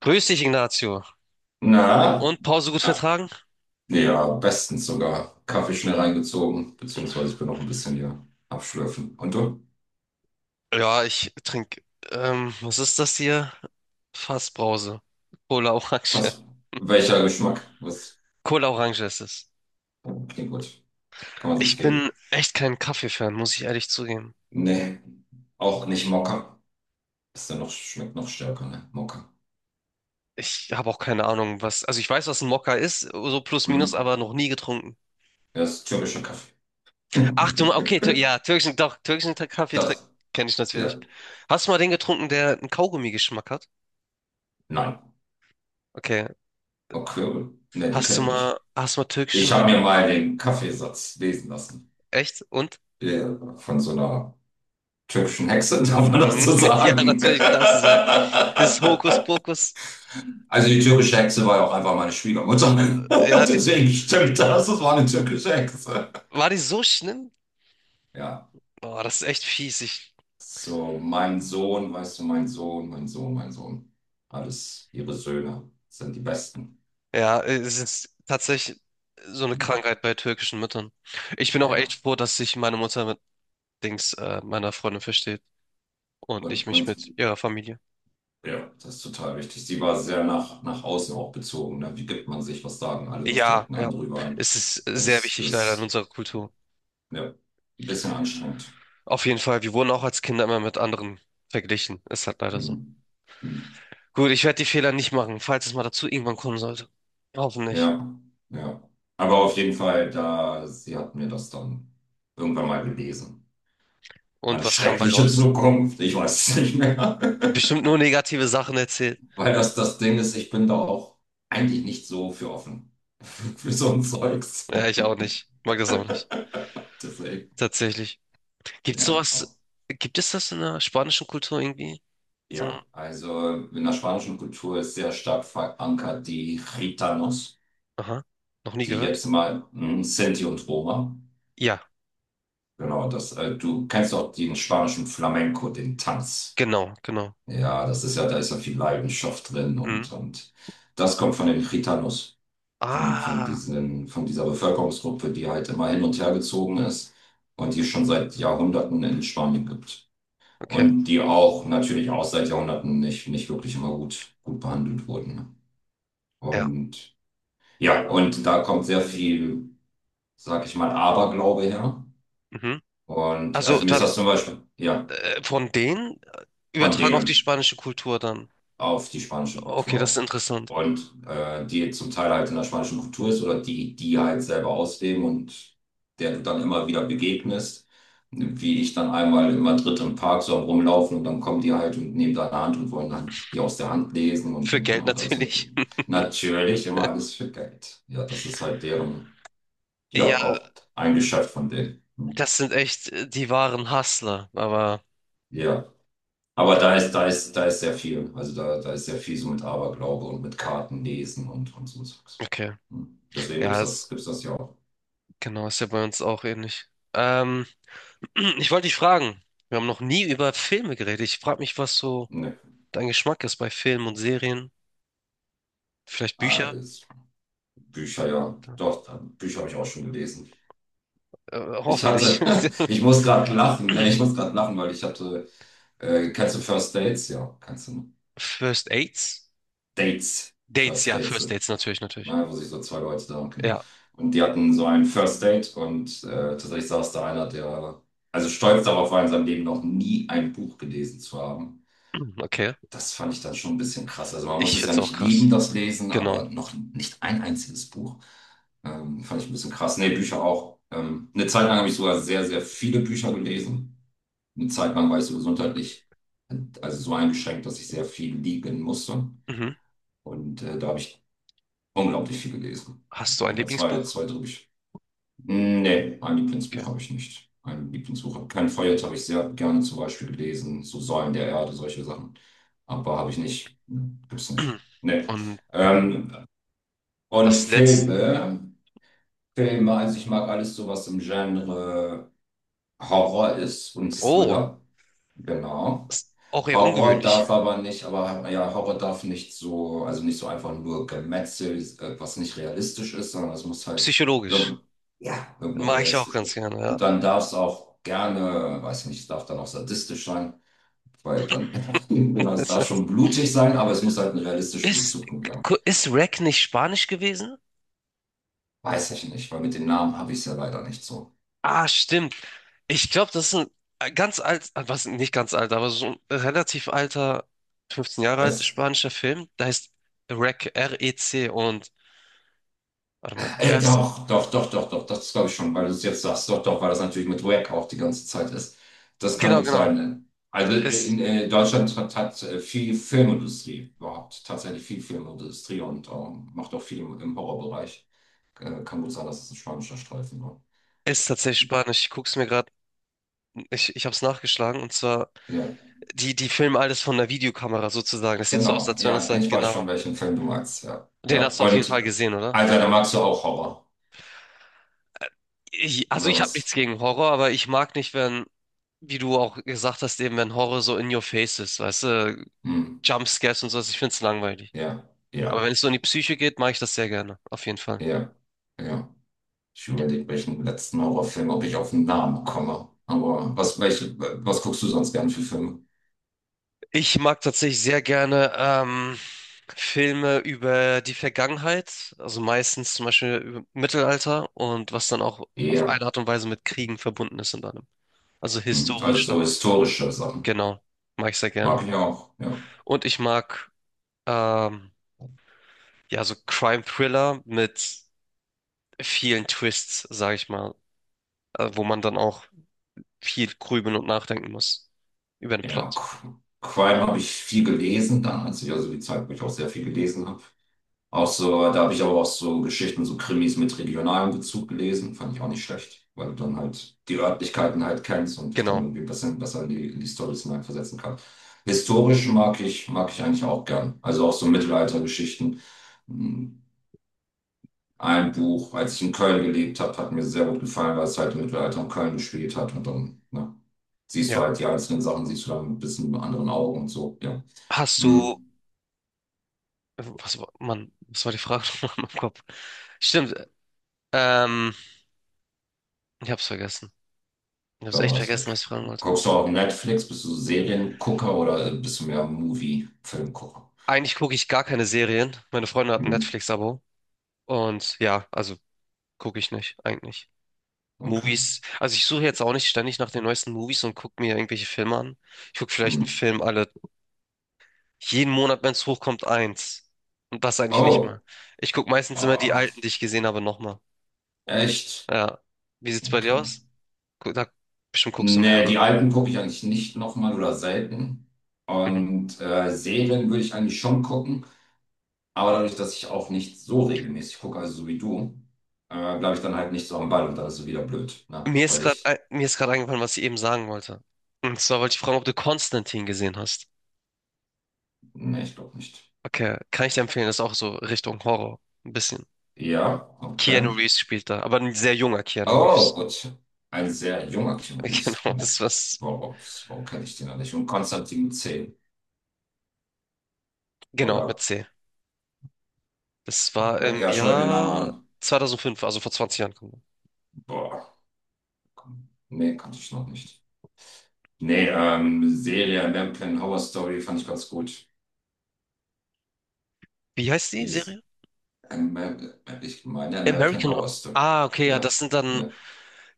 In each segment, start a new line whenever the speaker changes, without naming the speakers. Grüß dich, Ignacio.
Na,
Und Pause gut
ah,
vertragen?
ja, bestens sogar. Kaffee schnell reingezogen, beziehungsweise ich bin noch ein bisschen hier abschlürfen. Und du?
Ja, ich trinke, was ist das hier? Fassbrause. Cola Orange.
Was? Welcher Geschmack? Was?
Cola Orange ist es.
Klingt gut. Kann man sich
Ich bin
geben.
echt kein Kaffee-Fan, muss ich ehrlich zugeben.
Nee, auch nicht Mokka. Ist ja noch, schmeckt noch stärker, ne? Mokka.
Ich habe auch keine Ahnung, was, also ich weiß, was ein Mokka ist, so plus
Hm.
minus, aber noch nie getrunken.
Ja, ist türkischer Kaffee.
Ach du, okay, tür ja, türkischen, doch,
Das,
kenne ich natürlich.
ja.
Hast du mal den getrunken, der einen Kaugummi-Geschmack hat?
Nein.
Okay.
Okay. Ne, den kenne ich nicht.
Hast du mal
Ich
türkischen,
habe mir mal den Kaffeesatz lesen lassen.
echt? Und?
Ja, von so einer türkischen Hexe, darf man das
Mhm.
so
Ja,
sagen?
natürlich, darfst du sagen. Das Hokuspokus,
Also die türkische Hexe war ja auch einfach meine Schwiegermutter.
ja,
Deswegen stimmt
die,
das, das war eine türkische Hexe.
war die so schlimm?
Ja,
Boah, das ist echt fies. Ich,
so mein Sohn, weißt du, mein Sohn. Alles ihre Söhne sind die Besten.
ja, es ist tatsächlich so eine
Mhm.
Krankheit bei türkischen Müttern. Ich bin
Ja,
auch echt
ja.
froh, dass sich meine Mutter mit Dings, meiner Freundin versteht und ich
und,
mich
und
mit ihrer Familie.
ja, das ist total wichtig. Sie war sehr nach außen auch bezogen. Ne? Wie gibt man sich, was sagen alle, was
Ja,
denken
ja,
andere über einen?
es ist sehr
Das
wichtig leider in
ist,
unserer Kultur.
ja, ein bisschen anstrengend.
Auf jeden Fall, wir wurden auch als Kinder immer mit anderen verglichen. Ist halt leider so.
Mhm. Mhm.
Gut, ich werde die Fehler nicht machen, falls es mal dazu irgendwann kommen sollte. Hoffentlich.
Ja, ja. Aber auf jeden Fall, da, sie hat mir das dann irgendwann mal gelesen.
Und
Meine
was kam bei
schreckliche
raus?
Zukunft, ich weiß es nicht mehr.
Bestimmt nur negative Sachen erzählt.
Weil das das Ding ist, ich bin da auch eigentlich nicht so für offen. Für so ein Zeugs.
Ja, ich auch nicht. Mag das auch nicht.
Deswegen,
Tatsächlich. Gibt's
ja. Auch-
sowas, gibt es das in der spanischen Kultur irgendwie? So
ja,
eine,
also in der spanischen Kultur ist sehr stark verankert die Gitanos,
aha, noch nie
die
gehört?
jetzt mal hm, Sinti und Roma.
Ja,
Genau, das, du kennst auch den spanischen Flamenco, den Tanz.
genau, genau.
Ja, das ist ja, da ist ja viel Leidenschaft drin
Mhm.
und das kommt von den Chitanus, von
Ah,
diesen, von dieser Bevölkerungsgruppe, die halt immer hin und her gezogen ist und die es schon seit Jahrhunderten in Spanien gibt.
okay.
Und die auch natürlich auch seit Jahrhunderten nicht wirklich immer gut behandelt wurden.
Ja.
Und ja, und da kommt sehr viel, sag ich mal, Aberglaube her.
Mhm.
Und
Also
also mir ist
dann
das zum Beispiel, ja,
von denen
von
übertragen auf die
denen.
spanische Kultur dann.
Auf die spanische Kultur
Okay, das ist
auch.
interessant.
Und die zum Teil halt in der spanischen Kultur ist oder die halt selber ausleben und der du dann immer wieder begegnest, wie ich dann einmal in Madrid im Park so am rumlaufen und dann kommen die halt und nehmen deine Hand und wollen dann die aus der Hand lesen und,
Für
und,
Geld
na, und alles
natürlich.
Mögliche. Natürlich immer alles für Geld. Ja, das ist halt deren, ja,
Ja,
auch ein Geschäft von denen. Hm.
das sind echt die wahren Hustler, aber
Ja. Aber da ist sehr viel. Also da ist sehr viel so mit Aberglaube und mit Kartenlesen und so Zeugs.
okay.
Hm. Deswegen
Ja, es,
gibt's das ja auch.
genau, ist ja bei uns auch ähnlich. Ähm, ich wollte dich fragen, wir haben noch nie über Filme geredet. Ich frage mich, was so
Ne.
dein Geschmack ist bei Filmen und Serien, vielleicht
Ah,
Bücher,
jetzt Bücher, ja.
äh,
Doch, Bücher habe ich auch schon gelesen. Ich
hoffentlich.
hatte, ich muss gerade lachen, ne? Ich muss gerade lachen, weil kennst du First Dates? Ja, kennst du. Ne?
First Dates?
Dates.
Dates,
First
ja,
Dates.
First Dates natürlich, natürlich.
Ne, wo sich so zwei Leute da und genau.
Ja,
Und die hatten so ein First Date und tatsächlich saß da einer, der also stolz darauf war, in seinem Leben noch nie ein Buch gelesen zu haben.
okay.
Das fand ich dann schon ein bisschen krass. Also man
Ich
muss es ja
find's auch
nicht lieben,
krass.
das Lesen,
Genau.
aber noch nicht ein einziges Buch. Fand ich ein bisschen krass. Nee, Bücher auch. Eine Zeit lang habe ich sogar sehr viele Bücher gelesen. Eine Zeit lang war ich so gesundheitlich, also so eingeschränkt, dass ich sehr viel liegen musste.
Mhm.
Und da habe ich unglaublich viel gelesen.
Hast du ein
Manchmal
Lieblingsbuch?
drei Bücher. Nee, ein
Okay.
Lieblingsbuch habe ich nicht. Ein Lieblingsbuch habe kein Feuerlied habe ich sehr gerne zum Beispiel gelesen, so Säulen der Erde, solche Sachen. Aber habe ich nicht. Hm, gibt's nicht. Nee.
Und
Ähm, und
das letzte,
Filme, Filme, also ich mag alles so, was im Genre Horror ist und
oh,
Thriller. Genau.
ist auch eher
Horror
ungewöhnlich.
darf aber nicht, aber ja, Horror darf nicht so, also nicht so einfach nur Gemetzel, was nicht realistisch ist, sondern es muss halt
Psychologisch.
irgendein, ja, irgendeine
Mache ich auch ganz
realistische.
gerne, ja.
Und dann darf es auch gerne, weiß nicht, es darf dann auch sadistisch sein, weil dann, genau, es darf schon blutig sein, aber es muss halt einen realistischen
Ist,
Bezug haben.
ist Rack nicht Spanisch gewesen?
Weiß ich nicht, weil mit den Namen habe ich es ja leider nicht so.
Ah, stimmt. Ich glaube, das ist ein was nicht ganz alt, aber so ein relativ alter, 15 Jahre alt
Was?
spanischer Film. Der heißt REC, REC und warte mal, ja, es,
Doch, das glaube ich schon, weil du es jetzt sagst. Doch, weil das natürlich mit Wack auch die ganze Zeit ist. Das kann
genau,
gut
genau.
sein. Ne? Also äh, in
Es
äh, Deutschland hat viel Filmindustrie überhaupt, tatsächlich viel Filmindustrie und macht auch viel im Horrorbereich. Kann gut sein, dass es ein spanischer Streifen war.
ist tatsächlich Spanisch. Ich guck's mir gerade, ich habe es nachgeschlagen, und zwar
Ja,
die filmen alles von der Videokamera sozusagen. Das sieht so aus,
genau.
als wenn das
Ja,
halt
ich weiß
genau.
schon, welchen Film du meinst. Ja,
Den
ja.
hast du auf jeden
Und
Fall gesehen, oder?
Alter, da magst du auch Horror,
Ich, also
oder
ich habe nichts
was?
gegen Horror, aber ich mag nicht, wenn, wie du auch gesagt hast, eben wenn Horror so in your face ist, weißt du,
Hm.
Jumpscares und sowas. Ich find's langweilig.
Ja,
Aber
ja,
wenn es so in die Psyche geht, mache ich das sehr gerne, auf jeden Fall.
ja, ja. Ich überlege, welchen letzten Horrorfilm, ob ich auf den Namen komme. Aber was, welche, was guckst du sonst gern für Filme?
Ich mag tatsächlich sehr gerne Filme über die Vergangenheit, also meistens zum Beispiel über Mittelalter und was dann auch auf
Ja.
eine Art und Weise mit Kriegen verbunden ist in einem. Also
Hm, also
historisch dann.
so historische Sachen.
Genau, mag ich sehr
Mag
gerne.
ich auch, ja.
Und ich mag ähm, ja so Crime-Thriller mit vielen Twists, sage ich mal, wo man dann auch viel grübeln und nachdenken muss über den
Ja,
Plot.
Qu- Crime habe ich viel gelesen, dann als ich also die Zeit, wo ich auch sehr viel gelesen habe. Auch so, da habe ich aber auch so Geschichten, so Krimis mit regionalem Bezug gelesen. Fand ich auch nicht schlecht, weil du dann halt die Örtlichkeiten halt kennst und dich dann
Genau,
irgendwie ein bisschen besser in in die Storys hineinversetzen kannst. Historisch mag ich eigentlich auch gern. Also auch so Mittelaltergeschichten. Hm, ein Buch, als ich in Köln gelebt habe, hat mir sehr gut gefallen, weil es halt im Mittelalter in Köln gespielt hat. Und dann, ne, siehst du
ja.
halt die einzelnen Sachen, siehst du dann ein bisschen mit anderen Augen und so. Ja.
Hast du
Hm.
was war, Mann, was war die Frage nochmal in meinem Kopf? Stimmt, ähm, ich hab's vergessen. Ich hab's
Da
echt
war es weg.
vergessen, was ich fragen wollte.
Guckst du auch Netflix? Bist du Seriengucker oder bist du mehr Movie-Filmgucker?
Eigentlich gucke ich gar keine Serien. Meine Freundin hat ein
Hm,
Netflix-Abo. Und ja, also gucke ich nicht, eigentlich.
okay.
Movies, also ich suche jetzt auch nicht ständig nach den neuesten Movies und gucke mir irgendwelche Filme an. Ich gucke vielleicht
Hm.
einen Film alle, jeden Monat, wenn es hochkommt, eins. Und das eigentlich nicht mal.
Oh,
Ich gucke meistens immer die alten,
ah,
die ich gesehen habe, nochmal.
echt?
Ja. Wie sieht's bei dir
Okay.
aus? Gu- Da, bestimmt guckst du mehr,
Nee,
oder?
die alten gucke ich eigentlich nicht nochmal oder selten.
Mhm.
Und Serien würde ich eigentlich schon gucken, aber dadurch, dass ich auch nicht so regelmäßig gucke, also so wie du, bleibe ich dann halt nicht so am Ball und dann ist es wieder blöd, ne? Weil ich,
Mir ist gerade eingefallen, was ich eben sagen wollte. Und zwar wollte ich fragen, ob du Konstantin gesehen hast.
nee, ich glaube nicht.
Okay, kann ich dir empfehlen, das ist auch so Richtung Horror. Ein bisschen.
Ja, okay.
Keanu Reeves spielt da, aber ein sehr junger Keanu
Oh,
Reeves.
gut. Ein sehr junger Chemist.
Genau,
Oh,
das was.
Warum, warum kenne ich den noch nicht? Und Konstantin C.
Genau, mit
Oder,
C. Das war
ja,
im
ja, schau ich mir den Namen
Jahr
an.
2005, also vor 20 Jahren.
Boah, nee, kannte ich noch nicht. Nee, Serie American Horror Story fand ich ganz gut.
Wie heißt die
Die ist,
Serie?
Amer- ich meine American
American Horror.
Horror Story.
Ah, okay, ja,
Ja,
das sind dann
ja.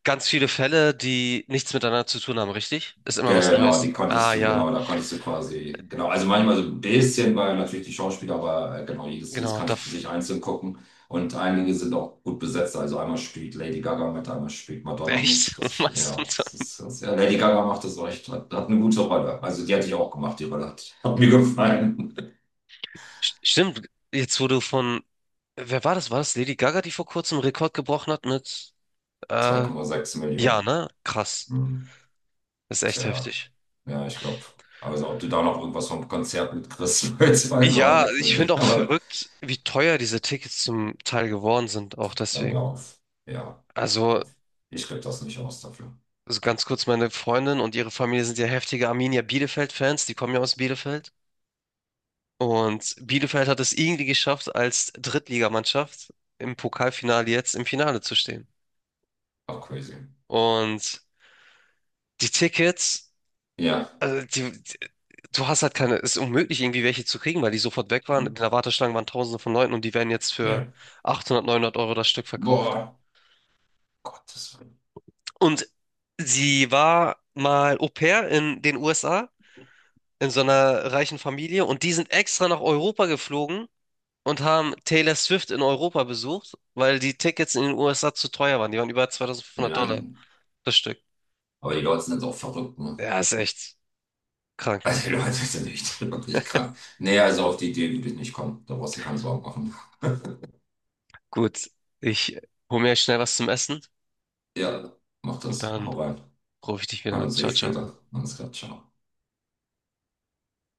ganz viele Fälle, die nichts miteinander zu tun haben, richtig? Ist immer was Neues. Ah, ja,
Genau, da konntest du quasi, genau, also manchmal so ein bisschen, weil natürlich die Schauspieler, aber genau, jedes
genau, da.
kannst du für
f-
sich einzeln gucken. Und einige sind auch gut besetzt, also einmal spielt Lady Gaga mit, einmal spielt Madonna
echt?
mit. Das,
Was?
ja, das ist, das, ja, Lady Gaga macht das echt, hat eine gute Rolle. Also die hatte ich auch gemacht, hat mir gefallen.
Stimmt, jetzt wurde von, wer war das? War das Lady Gaga, die vor kurzem einen Rekord gebrochen hat mit,
Zwei
äh,
Komma sechs
ja,
Millionen.
ne? Krass.
Hm.
Das ist echt
Tja,
heftig.
ja, ich glaube. Also ob du da noch irgendwas vom Konzert mitkriegst,
Ja,
2,6
ich
Millionen.
finde auch
Aber
verrückt, wie teuer diese Tickets zum Teil geworden sind, auch deswegen.
Lauf. Ja.
Also,
Lauf. Ich krieg das nicht aus dafür.
also ganz kurz, meine Freundin und ihre Familie sind ja heftige Arminia Bielefeld-Fans, die kommen ja aus Bielefeld. Und Bielefeld hat es irgendwie geschafft, als Drittligamannschaft im Pokalfinale jetzt im Finale zu stehen.
Ach, crazy.
Und die Tickets
Ja.
Die, du hast halt keine, es ist unmöglich, irgendwie welche zu kriegen, weil die sofort weg waren.
Hm.
In der Warteschlange waren Tausende von Leuten und die werden jetzt für
Ja.
800, 900 € das Stück verkauft.
Boah. Gottes Willen.
Und sie war mal Au-pair in den USA, in so einer reichen Familie, und die sind extra nach Europa geflogen und haben Taylor Swift in Europa besucht, weil die Tickets in den USA zu teuer waren. Die waren über $2.500
Nein.
das Stück.
Aber die Leute sind auch verrückt, ne?
Ja, ist echt krank.
Also die Leute sind echt wirklich krank. Nee, also auf die Idee würde ich nicht kommen. Da brauchst du dir keine Sorgen machen.
Gut, ich hole mir schnell was zum Essen
Ja, mach
und
das.
dann
Hau rein.
rufe ich dich
Wir
wieder
hören
an.
uns eh
Ciao, ciao.
später. Alles klar, ciao.